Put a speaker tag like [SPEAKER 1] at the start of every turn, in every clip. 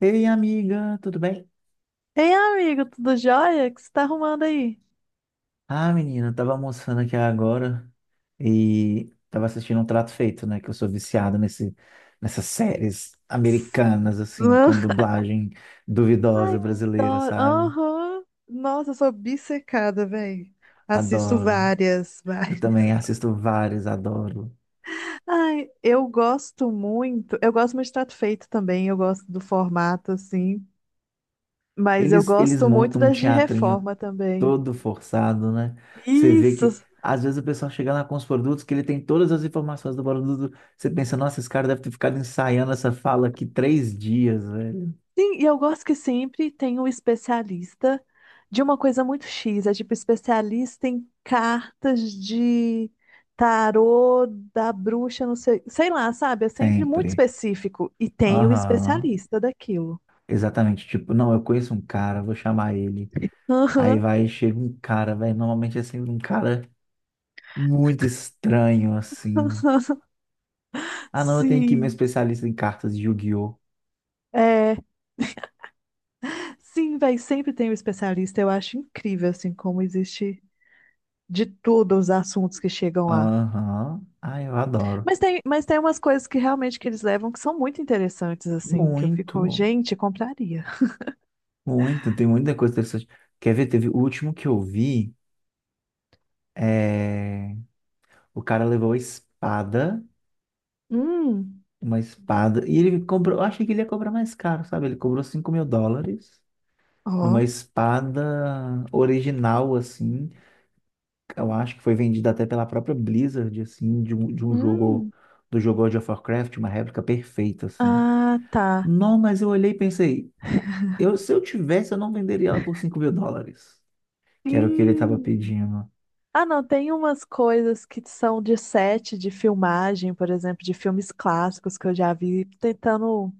[SPEAKER 1] Ei, amiga, tudo bem?
[SPEAKER 2] Ei, amigo, tudo jóia? O que você tá arrumando aí?
[SPEAKER 1] Ah, menina, eu tava almoçando aqui agora e tava assistindo um Trato Feito, né? Que eu sou viciado nessas séries
[SPEAKER 2] Tss,
[SPEAKER 1] americanas, assim,
[SPEAKER 2] não.
[SPEAKER 1] com dublagem
[SPEAKER 2] Ai,
[SPEAKER 1] duvidosa
[SPEAKER 2] eu
[SPEAKER 1] brasileira,
[SPEAKER 2] adoro.
[SPEAKER 1] sabe?
[SPEAKER 2] Aham. Nossa, eu sou obcecada, velho. Assisto
[SPEAKER 1] Adoro.
[SPEAKER 2] várias,
[SPEAKER 1] Eu
[SPEAKER 2] várias.
[SPEAKER 1] também assisto vários, adoro.
[SPEAKER 2] Ai, eu gosto muito. Eu gosto muito de Trato Feito também. Eu gosto do formato, assim. Mas eu
[SPEAKER 1] Eles
[SPEAKER 2] gosto muito
[SPEAKER 1] montam um
[SPEAKER 2] das de
[SPEAKER 1] teatrinho
[SPEAKER 2] reforma também.
[SPEAKER 1] todo forçado, né? Você vê
[SPEAKER 2] Isso!
[SPEAKER 1] que, às vezes, o pessoal chega lá com os produtos que ele tem todas as informações do produto. Você pensa, nossa, esse cara deve ter ficado ensaiando essa fala aqui 3 dias, velho.
[SPEAKER 2] Sim, e eu gosto que sempre tem um especialista de uma coisa muito X. É tipo especialista em cartas de tarô da bruxa, não sei, sei lá, sabe? É sempre muito
[SPEAKER 1] Sempre.
[SPEAKER 2] específico. E tem o
[SPEAKER 1] Aham.
[SPEAKER 2] especialista daquilo.
[SPEAKER 1] Exatamente. Tipo, não, eu conheço um cara, vou chamar ele. Aí
[SPEAKER 2] Aham.
[SPEAKER 1] vai, chega um cara, velho. Normalmente é sempre um cara muito estranho, assim. Ah, não, eu tenho aqui meu
[SPEAKER 2] Sim,
[SPEAKER 1] especialista em cartas de Yu-Gi-Oh!
[SPEAKER 2] é. Sim, véi, sempre tem um especialista. Eu acho incrível, assim, como existe de tudo os assuntos que chegam lá.
[SPEAKER 1] Aham. Ah, eu adoro.
[SPEAKER 2] Mas tem umas coisas que realmente que eles levam que são muito interessantes, assim, que eu fico,
[SPEAKER 1] Muito,
[SPEAKER 2] gente, compraria.
[SPEAKER 1] muito. Tem muita coisa interessante. Quer ver? Teve o último que eu vi. É... O cara levou a espada,
[SPEAKER 2] Hum.
[SPEAKER 1] uma espada, e ele cobrou. Eu achei que ele ia cobrar mais caro, sabe? Ele cobrou US$ 5.000 numa
[SPEAKER 2] Ó.
[SPEAKER 1] espada original, assim. Eu acho que foi vendida até pela própria Blizzard, assim, de um jogo,
[SPEAKER 2] Hum.
[SPEAKER 1] do jogo World of Warcraft, uma réplica perfeita, assim.
[SPEAKER 2] Ah, tá.
[SPEAKER 1] Não, mas eu olhei e pensei, eu, se eu tivesse, eu não venderia ela por US$ 5.000, que era o que ele estava
[SPEAKER 2] Sim.
[SPEAKER 1] pedindo.
[SPEAKER 2] Ah, não, tem umas coisas que são de set de filmagem, por exemplo, de filmes clássicos que eu já vi, tentando.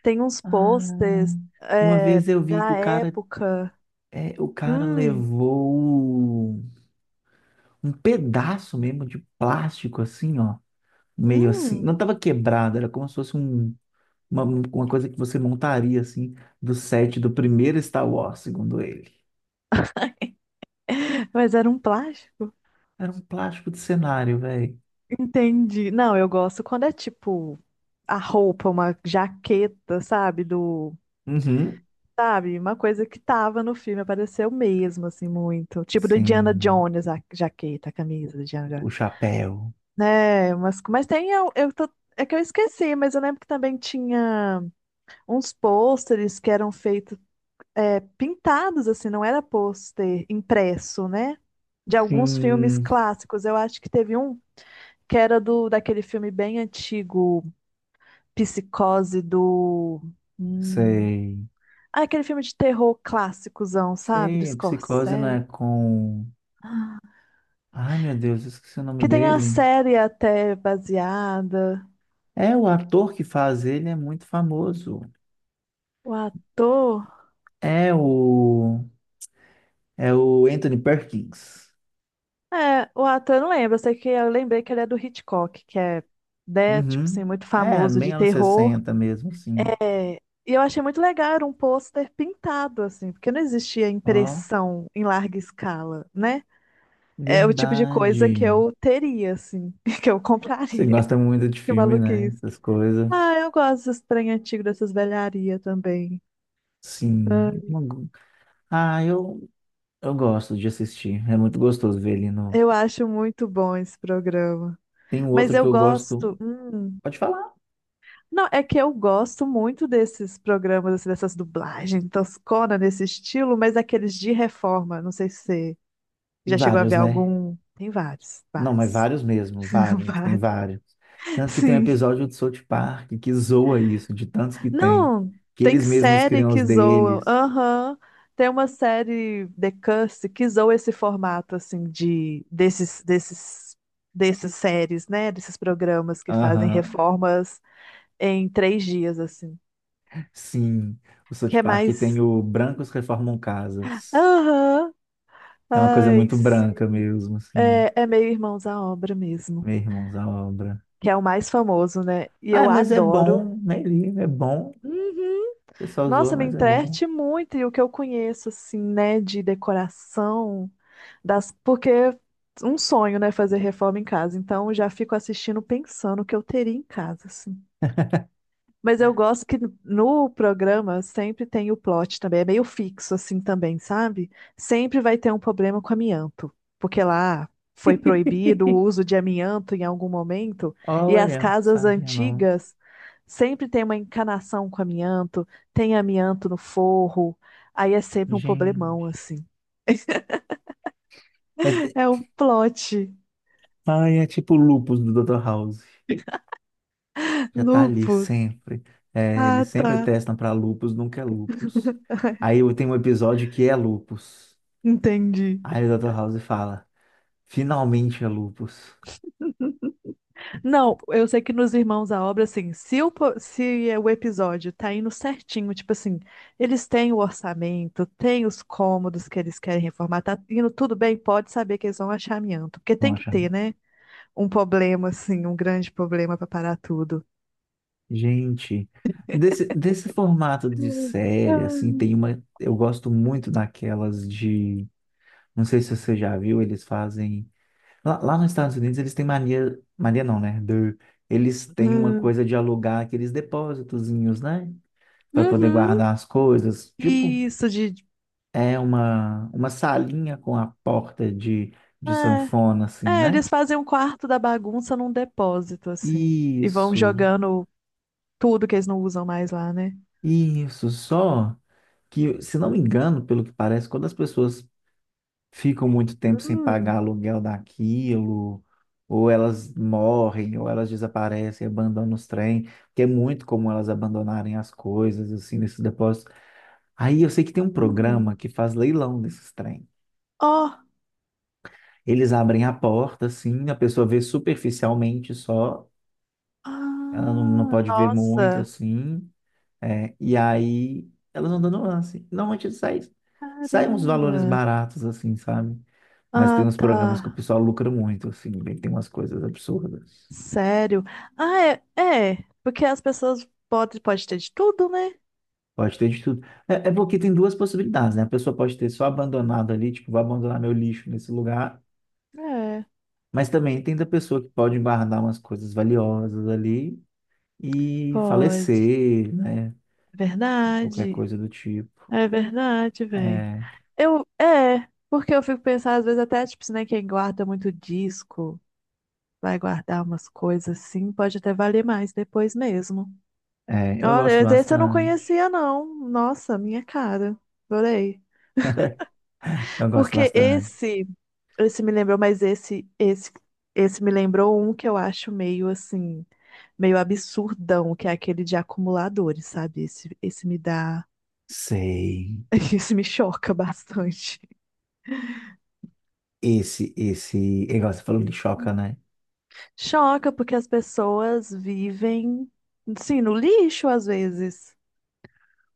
[SPEAKER 2] Tem uns
[SPEAKER 1] Ah,
[SPEAKER 2] posters,
[SPEAKER 1] uma
[SPEAKER 2] é,
[SPEAKER 1] vez eu vi que
[SPEAKER 2] da
[SPEAKER 1] o cara,
[SPEAKER 2] época.
[SPEAKER 1] é, o cara
[SPEAKER 2] Hum.
[SPEAKER 1] levou um pedaço mesmo de plástico, assim, ó. Meio assim,
[SPEAKER 2] Hum.
[SPEAKER 1] não estava quebrado, era como se fosse um, uma coisa que você montaria, assim, do set do primeiro Star Wars, segundo ele.
[SPEAKER 2] Mas era um plástico.
[SPEAKER 1] Era um plástico de cenário, velho.
[SPEAKER 2] Entendi. Não, eu gosto quando é tipo a roupa, uma jaqueta, sabe?
[SPEAKER 1] Uhum.
[SPEAKER 2] Sabe? Uma coisa que tava no filme, apareceu mesmo, assim, muito. Tipo do Indiana
[SPEAKER 1] Sim.
[SPEAKER 2] Jones, a jaqueta, a camisa do Indiana Jones.
[SPEAKER 1] O chapéu.
[SPEAKER 2] Né? Mas tem, eu tô, é que eu esqueci, mas eu lembro que também tinha uns pôsteres que eram feitos, é, pintados, assim, não era pôster impresso, né? De alguns filmes
[SPEAKER 1] Sim.
[SPEAKER 2] clássicos. Eu acho que teve um que era do daquele filme bem antigo, Psicose do. hum,
[SPEAKER 1] Sei.
[SPEAKER 2] Ah, aquele filme de terror clássicozão, sabe? Do
[SPEAKER 1] Sei. Psicose não
[SPEAKER 2] Scorsese.
[SPEAKER 1] é com. Ai, meu Deus, eu esqueci o nome
[SPEAKER 2] Que tem a
[SPEAKER 1] dele.
[SPEAKER 2] série até baseada.
[SPEAKER 1] É, o ator que faz ele é muito famoso.
[SPEAKER 2] O ator.
[SPEAKER 1] É o. É o Anthony Perkins.
[SPEAKER 2] É, o ator eu não lembro. Eu sei que eu lembrei que ele é do Hitchcock, que é, né, tipo
[SPEAKER 1] Uhum.
[SPEAKER 2] assim, muito
[SPEAKER 1] É,
[SPEAKER 2] famoso
[SPEAKER 1] bem
[SPEAKER 2] de
[SPEAKER 1] anos
[SPEAKER 2] terror.
[SPEAKER 1] 60 mesmo, assim.
[SPEAKER 2] É, e eu achei muito legal, era um pôster pintado, assim, porque não existia
[SPEAKER 1] Ó,
[SPEAKER 2] impressão em larga escala, né? É o tipo de coisa que
[SPEAKER 1] verdade.
[SPEAKER 2] eu teria, assim, que eu
[SPEAKER 1] Você
[SPEAKER 2] compraria.
[SPEAKER 1] gosta muito de
[SPEAKER 2] Que
[SPEAKER 1] filme, né?
[SPEAKER 2] maluquice.
[SPEAKER 1] Essas coisas.
[SPEAKER 2] Ah, eu gosto desse trem antigo, dessas velharias também.
[SPEAKER 1] Sim.
[SPEAKER 2] Ah,
[SPEAKER 1] Ah, eu gosto de assistir. É muito gostoso ver ele no.
[SPEAKER 2] eu acho muito bom esse programa.
[SPEAKER 1] Tem um
[SPEAKER 2] Mas
[SPEAKER 1] outro que
[SPEAKER 2] eu
[SPEAKER 1] eu gosto.
[SPEAKER 2] gosto.
[SPEAKER 1] Pode falar.
[SPEAKER 2] Não, é que eu gosto muito desses programas, assim, dessas dublagens toscona nesse estilo, mas aqueles de reforma. Não sei se você
[SPEAKER 1] Tem
[SPEAKER 2] já chegou a
[SPEAKER 1] vários,
[SPEAKER 2] ver
[SPEAKER 1] né?
[SPEAKER 2] algum. Tem vários,
[SPEAKER 1] Não, mas
[SPEAKER 2] vários.
[SPEAKER 1] vários mesmo. Vários. Tem
[SPEAKER 2] Vários.
[SPEAKER 1] vários. Tanto que tem um
[SPEAKER 2] Sim.
[SPEAKER 1] episódio do South Park que zoa isso, de tantos que tem.
[SPEAKER 2] Não,
[SPEAKER 1] Que
[SPEAKER 2] tem
[SPEAKER 1] eles mesmos
[SPEAKER 2] série
[SPEAKER 1] criam os
[SPEAKER 2] que zoa.
[SPEAKER 1] deles.
[SPEAKER 2] Aham. Tem uma série The Curse que zoa esse formato assim de desses desses dessas séries, né, desses programas que fazem
[SPEAKER 1] Aham.
[SPEAKER 2] reformas em 3 dias assim.
[SPEAKER 1] Sim. O South
[SPEAKER 2] Que é
[SPEAKER 1] Park tem
[SPEAKER 2] mais.
[SPEAKER 1] o Brancos Reformam Casas.
[SPEAKER 2] Aham.
[SPEAKER 1] É uma coisa
[SPEAKER 2] Ai,
[SPEAKER 1] muito branca
[SPEAKER 2] sim.
[SPEAKER 1] mesmo, assim.
[SPEAKER 2] É, é meio Irmãos à Obra mesmo,
[SPEAKER 1] Meu irmãos, a obra.
[SPEAKER 2] que é o mais famoso, né? E
[SPEAKER 1] Ah,
[SPEAKER 2] eu
[SPEAKER 1] mas é
[SPEAKER 2] adoro.
[SPEAKER 1] bom, né? Lívia? É bom. O
[SPEAKER 2] Uhum.
[SPEAKER 1] pessoal
[SPEAKER 2] Nossa,
[SPEAKER 1] zoa,
[SPEAKER 2] me
[SPEAKER 1] mas é bom.
[SPEAKER 2] entrete muito e o que eu conheço, assim, né, de decoração, das, porque é um sonho, né, fazer reforma em casa. Então, eu já fico assistindo pensando o que eu teria em casa, assim. Mas eu gosto que no programa sempre tem o plot também, é meio fixo assim também, sabe? Sempre vai ter um problema com amianto, porque lá foi proibido o uso de amianto em algum momento, e as
[SPEAKER 1] Olha,
[SPEAKER 2] casas
[SPEAKER 1] sabia não.
[SPEAKER 2] antigas sempre tem uma encanação com amianto, tem amianto no forro, aí é sempre um problemão
[SPEAKER 1] Gente.
[SPEAKER 2] assim.
[SPEAKER 1] É, de-
[SPEAKER 2] É o plot.
[SPEAKER 1] ai, é tipo o lupus do Dr. House. Já tá ali
[SPEAKER 2] Lupus.
[SPEAKER 1] sempre. É,
[SPEAKER 2] Ah,
[SPEAKER 1] eles sempre
[SPEAKER 2] tá.
[SPEAKER 1] testam pra lupus, nunca é lupus. Aí eu tenho um episódio que é lupus.
[SPEAKER 2] Entendi.
[SPEAKER 1] Aí o Dr. House fala: finalmente é lupus.
[SPEAKER 2] Não, eu sei que nos Irmãos à Obra, assim, se é o episódio tá indo certinho, tipo assim, eles têm o orçamento, têm os cômodos que eles querem reformar, tá indo tudo bem, pode saber que eles vão achar amianto, porque
[SPEAKER 1] Vão
[SPEAKER 2] tem que
[SPEAKER 1] achar.
[SPEAKER 2] ter, né? Um problema, assim, um grande problema para parar tudo.
[SPEAKER 1] Gente, desse formato de
[SPEAKER 2] Uhum.
[SPEAKER 1] série, assim, tem uma. Eu gosto muito daquelas de não sei se você já viu, eles fazem. Lá nos Estados Unidos, eles têm mania. Mania não, né? Do- eles têm uma coisa de alugar aqueles depósitozinhos, né? Para poder
[SPEAKER 2] Uhum.
[SPEAKER 1] guardar as coisas. Tipo,
[SPEAKER 2] Isso de.
[SPEAKER 1] é uma salinha com a porta de
[SPEAKER 2] É,
[SPEAKER 1] sanfona, assim,
[SPEAKER 2] é,
[SPEAKER 1] né?
[SPEAKER 2] eles fazem um quarto da bagunça num depósito, assim, e vão
[SPEAKER 1] Isso,
[SPEAKER 2] jogando tudo que eles não usam mais lá, né?
[SPEAKER 1] isso. Só que, se não me engano, pelo que parece, quando as pessoas ficam muito tempo sem pagar
[SPEAKER 2] Hum.
[SPEAKER 1] aluguel daquilo, ou elas morrem, ou elas desaparecem, abandonam os trem, que é muito comum elas abandonarem as coisas, assim, nesses depósitos. Aí eu sei que tem um
[SPEAKER 2] Hum.
[SPEAKER 1] programa que faz leilão desses trem.
[SPEAKER 2] Ó.
[SPEAKER 1] Eles abrem a porta, assim, a pessoa vê superficialmente só, ela não, não
[SPEAKER 2] Ah,
[SPEAKER 1] pode ver muito,
[SPEAKER 2] nossa,
[SPEAKER 1] assim, é, e aí elas vão dando lance. Normalmente sai, saem uns valores
[SPEAKER 2] caramba.
[SPEAKER 1] baratos, assim, sabe? Mas tem
[SPEAKER 2] Ah,
[SPEAKER 1] uns
[SPEAKER 2] tá.
[SPEAKER 1] programas que o pessoal lucra muito, assim, bem, tem umas coisas absurdas.
[SPEAKER 2] Sério? Ah, é, é, porque as pessoas podem pode ter de tudo, né?
[SPEAKER 1] Pode ter de tudo. É, é porque tem duas possibilidades, né? A pessoa pode ter só abandonado ali, tipo, vou abandonar meu lixo nesse lugar,
[SPEAKER 2] É,
[SPEAKER 1] mas também tem da pessoa que pode guardar umas coisas valiosas ali e
[SPEAKER 2] pode.
[SPEAKER 1] falecer, né?
[SPEAKER 2] É
[SPEAKER 1] Qualquer
[SPEAKER 2] verdade.
[SPEAKER 1] coisa do tipo.
[SPEAKER 2] É verdade, velho.
[SPEAKER 1] É,
[SPEAKER 2] Eu, é, porque eu fico pensando, às vezes até, tipo, se, né, quem guarda muito disco, vai guardar umas coisas assim, pode até valer mais depois mesmo.
[SPEAKER 1] eu
[SPEAKER 2] Olha,
[SPEAKER 1] gosto
[SPEAKER 2] esse eu não
[SPEAKER 1] bastante.
[SPEAKER 2] conhecia, não. Nossa, minha cara. Adorei.
[SPEAKER 1] Eu gosto
[SPEAKER 2] Porque
[SPEAKER 1] bastante.
[SPEAKER 2] esse, me lembrou, mas esse me lembrou um que eu acho meio assim, meio absurdão, que é aquele de acumuladores, sabe? Esse me dá,
[SPEAKER 1] Sei.
[SPEAKER 2] esse me choca bastante.
[SPEAKER 1] Esse, esse, igual você falou de choca, né?
[SPEAKER 2] Choca porque as pessoas vivem, sim, no lixo às vezes.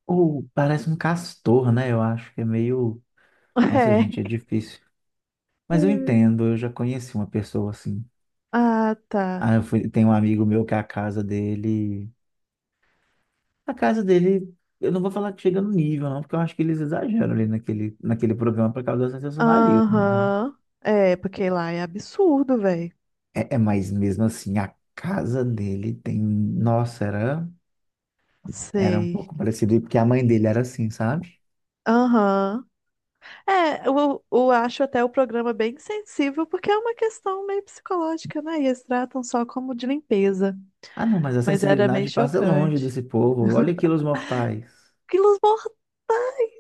[SPEAKER 1] Ou parece um castor, né? Eu acho que é meio nossa, gente, é
[SPEAKER 2] É.
[SPEAKER 1] difícil. Mas eu
[SPEAKER 2] Hum.
[SPEAKER 1] entendo, eu já conheci uma pessoa assim.
[SPEAKER 2] Ah, tá.
[SPEAKER 1] Ah, eu fui, tem um amigo meu que é a casa dele. A casa dele, eu não vou falar que chega no nível, não, porque eu acho que eles exageram ali naquele programa por causa do sensacionalismo, né?
[SPEAKER 2] Aham. É, porque lá é absurdo, velho.
[SPEAKER 1] Mas mesmo assim, a casa dele tem. Nossa, era, era um
[SPEAKER 2] Sei.
[SPEAKER 1] pouco parecido, porque a mãe dele era assim, sabe?
[SPEAKER 2] Aham. É, eu acho até o programa bem sensível, porque é uma questão meio psicológica, né? E eles tratam só como de limpeza.
[SPEAKER 1] Ah, não, mas a
[SPEAKER 2] Mas era meio
[SPEAKER 1] sensibilidade passa longe
[SPEAKER 2] chocante.
[SPEAKER 1] desse povo. Olha aqui os mortais.
[SPEAKER 2] Quilos mortais,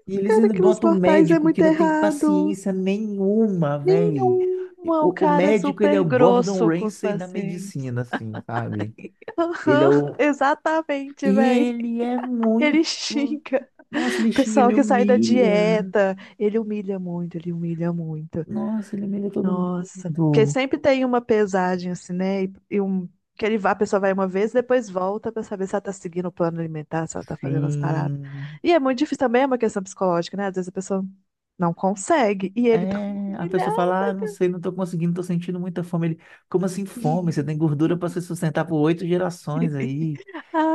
[SPEAKER 1] E eles
[SPEAKER 2] cara,
[SPEAKER 1] ainda
[SPEAKER 2] quilos
[SPEAKER 1] botam um
[SPEAKER 2] mortais é
[SPEAKER 1] médico
[SPEAKER 2] muito
[SPEAKER 1] que não tem
[SPEAKER 2] errado.
[SPEAKER 1] paciência nenhuma, velho.
[SPEAKER 2] Nenhuma, o
[SPEAKER 1] O
[SPEAKER 2] cara é
[SPEAKER 1] médico, ele é
[SPEAKER 2] super
[SPEAKER 1] o Gordon
[SPEAKER 2] grosso com os
[SPEAKER 1] Ramsay da
[SPEAKER 2] pacientes.
[SPEAKER 1] medicina, assim, sabe? Ele é
[SPEAKER 2] Aham,
[SPEAKER 1] o...
[SPEAKER 2] exatamente, véi.
[SPEAKER 1] Ele é
[SPEAKER 2] Ele
[SPEAKER 1] muito...
[SPEAKER 2] xinga.
[SPEAKER 1] Nossa, ele xinga,
[SPEAKER 2] Pessoal
[SPEAKER 1] ele
[SPEAKER 2] que sai da
[SPEAKER 1] humilha.
[SPEAKER 2] dieta, ele humilha muito, ele humilha muito.
[SPEAKER 1] Nossa, ele humilha todo mundo.
[SPEAKER 2] Nossa, porque sempre tem uma pesagem assim, né? E um, que ele vai, a pessoa vai uma vez, depois volta pra saber se ela tá seguindo o plano alimentar, se ela tá fazendo as paradas.
[SPEAKER 1] Sim.
[SPEAKER 2] E é muito difícil também, é uma questão psicológica, né? Às vezes a pessoa não consegue e ele dá uma
[SPEAKER 1] É, a pessoa fala, ah,
[SPEAKER 2] humilhada,
[SPEAKER 1] não sei,
[SPEAKER 2] cara.
[SPEAKER 1] não tô conseguindo, tô sentindo muita fome. Ele, como assim fome? Você tem gordura para se sustentar por 8 gerações aí.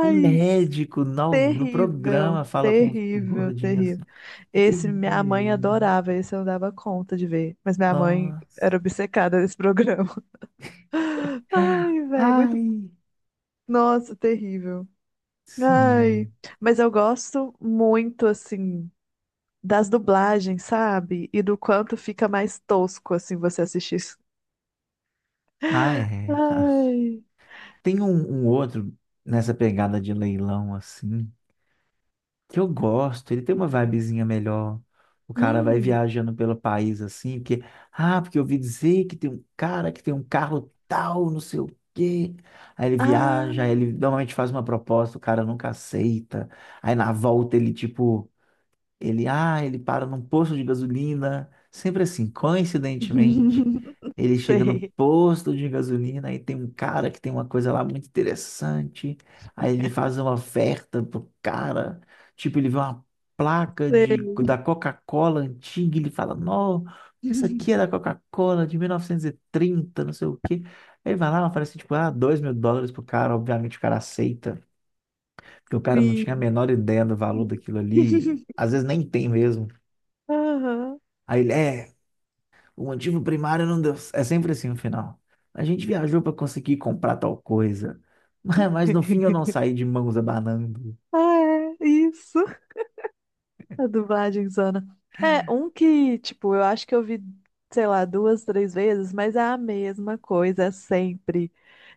[SPEAKER 1] O médico no
[SPEAKER 2] terrível,
[SPEAKER 1] programa fala com os
[SPEAKER 2] terrível,
[SPEAKER 1] gordinhos
[SPEAKER 2] terrível.
[SPEAKER 1] assim. "É
[SPEAKER 2] Esse minha mãe
[SPEAKER 1] terrível".
[SPEAKER 2] adorava, esse eu não dava conta de ver, mas minha mãe
[SPEAKER 1] Nossa.
[SPEAKER 2] era obcecada nesse programa. Ai, velho, muito,
[SPEAKER 1] Ai,
[SPEAKER 2] nossa, terrível.
[SPEAKER 1] sim.
[SPEAKER 2] Ai, mas eu gosto muito, assim, das dublagens, sabe? E do quanto fica mais tosco, assim, você assistir isso.
[SPEAKER 1] Ah, é. Tá.
[SPEAKER 2] Ai.
[SPEAKER 1] Tem um, um outro nessa pegada de leilão assim, que eu gosto, ele tem uma vibezinha melhor. O cara vai
[SPEAKER 2] Hum.
[SPEAKER 1] viajando pelo país assim, porque, ah, porque eu ouvi dizer que tem um cara que tem um carro tal, não sei o quê. Aí ele viaja,
[SPEAKER 2] Ah.
[SPEAKER 1] aí ele normalmente faz uma proposta, o cara nunca aceita. Aí na volta ele, tipo, ele, ele para num posto de gasolina, sempre assim, coincidentemente, ele chega no
[SPEAKER 2] Sei,
[SPEAKER 1] posto de gasolina e tem um cara que tem uma coisa lá muito interessante. Aí ele faz uma oferta pro cara, tipo, ele vê uma placa da
[SPEAKER 2] sei,
[SPEAKER 1] Coca-Cola antiga, e ele fala, não, essa aqui é da Coca-Cola de 1930, não sei o quê. Aí ele vai lá, oferece, tipo, ah, US$ 2.000 pro cara, obviamente o cara aceita, porque o cara não tinha a
[SPEAKER 2] sim.
[SPEAKER 1] menor ideia do valor daquilo ali, às vezes nem tem mesmo.
[SPEAKER 2] Aham.
[SPEAKER 1] Aí ele, é, o motivo primário não deu. C-". É sempre assim no final. A gente viajou para conseguir comprar tal coisa, mas no fim eu não saí de mãos abanando.
[SPEAKER 2] Ah, é, isso. A dublagem zona. É, um que, tipo, eu acho que eu vi, sei lá, duas, três vezes, mas é a mesma coisa é sempre.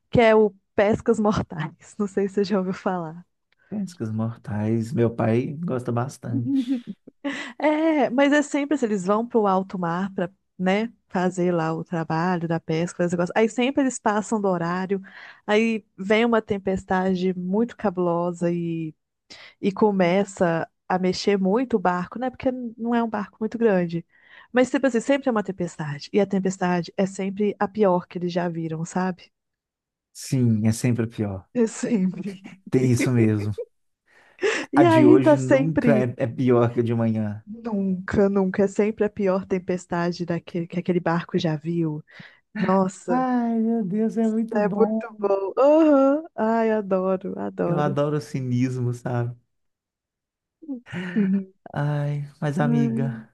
[SPEAKER 2] Que é o Pescas Mortais. Não sei se você já ouviu falar.
[SPEAKER 1] Pescas mortais, meu pai gosta bastante.
[SPEAKER 2] É, mas é sempre assim, eles vão para o alto mar para, né, fazer lá o trabalho da pesca, fazer esse negócio. Aí sempre eles passam do horário, aí vem uma tempestade muito cabulosa e começa a mexer muito o barco, né? Porque não é um barco muito grande. Mas tipo assim, sempre é uma tempestade. E a tempestade é sempre a pior que eles já viram, sabe?
[SPEAKER 1] Sim, é sempre pior.
[SPEAKER 2] É sempre.
[SPEAKER 1] Tem isso mesmo. A
[SPEAKER 2] E
[SPEAKER 1] de
[SPEAKER 2] aí
[SPEAKER 1] hoje
[SPEAKER 2] tá
[SPEAKER 1] nunca
[SPEAKER 2] sempre.
[SPEAKER 1] é, é pior que a de amanhã.
[SPEAKER 2] Nunca, nunca. É sempre a pior tempestade daquele, que aquele barco já viu. Nossa,
[SPEAKER 1] Ai, meu Deus, é muito
[SPEAKER 2] é
[SPEAKER 1] bom.
[SPEAKER 2] muito bom. Aham. Ai, adoro,
[SPEAKER 1] Eu
[SPEAKER 2] adoro.
[SPEAKER 1] adoro o cinismo, sabe?
[SPEAKER 2] Sim.
[SPEAKER 1] Ai, mas
[SPEAKER 2] Ai.
[SPEAKER 1] amiga,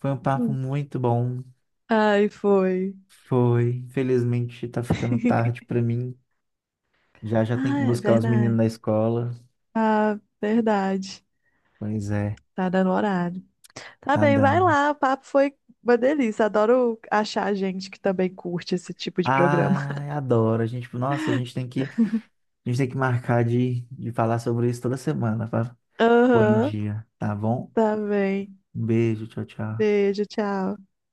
[SPEAKER 1] foi um papo
[SPEAKER 2] Hum.
[SPEAKER 1] muito bom.
[SPEAKER 2] Ai, foi.
[SPEAKER 1] Foi. Infelizmente tá ficando tarde pra mim. Já já tem que
[SPEAKER 2] Ah, é
[SPEAKER 1] buscar os meninos
[SPEAKER 2] verdade.
[SPEAKER 1] da escola.
[SPEAKER 2] Ah, verdade.
[SPEAKER 1] Pois é,
[SPEAKER 2] Tá dando horário. Tá
[SPEAKER 1] tá
[SPEAKER 2] bem, vai
[SPEAKER 1] dando.
[SPEAKER 2] lá. O papo foi uma delícia. Adoro achar gente que também curte esse tipo de programa.
[SPEAKER 1] Ai, adoro. A gente, nossa, a gente tem que marcar de falar sobre isso toda semana para pôr em
[SPEAKER 2] Aham,
[SPEAKER 1] dia, tá bom?
[SPEAKER 2] tá bem.
[SPEAKER 1] Um beijo, tchau, tchau.
[SPEAKER 2] Beijo, tchau.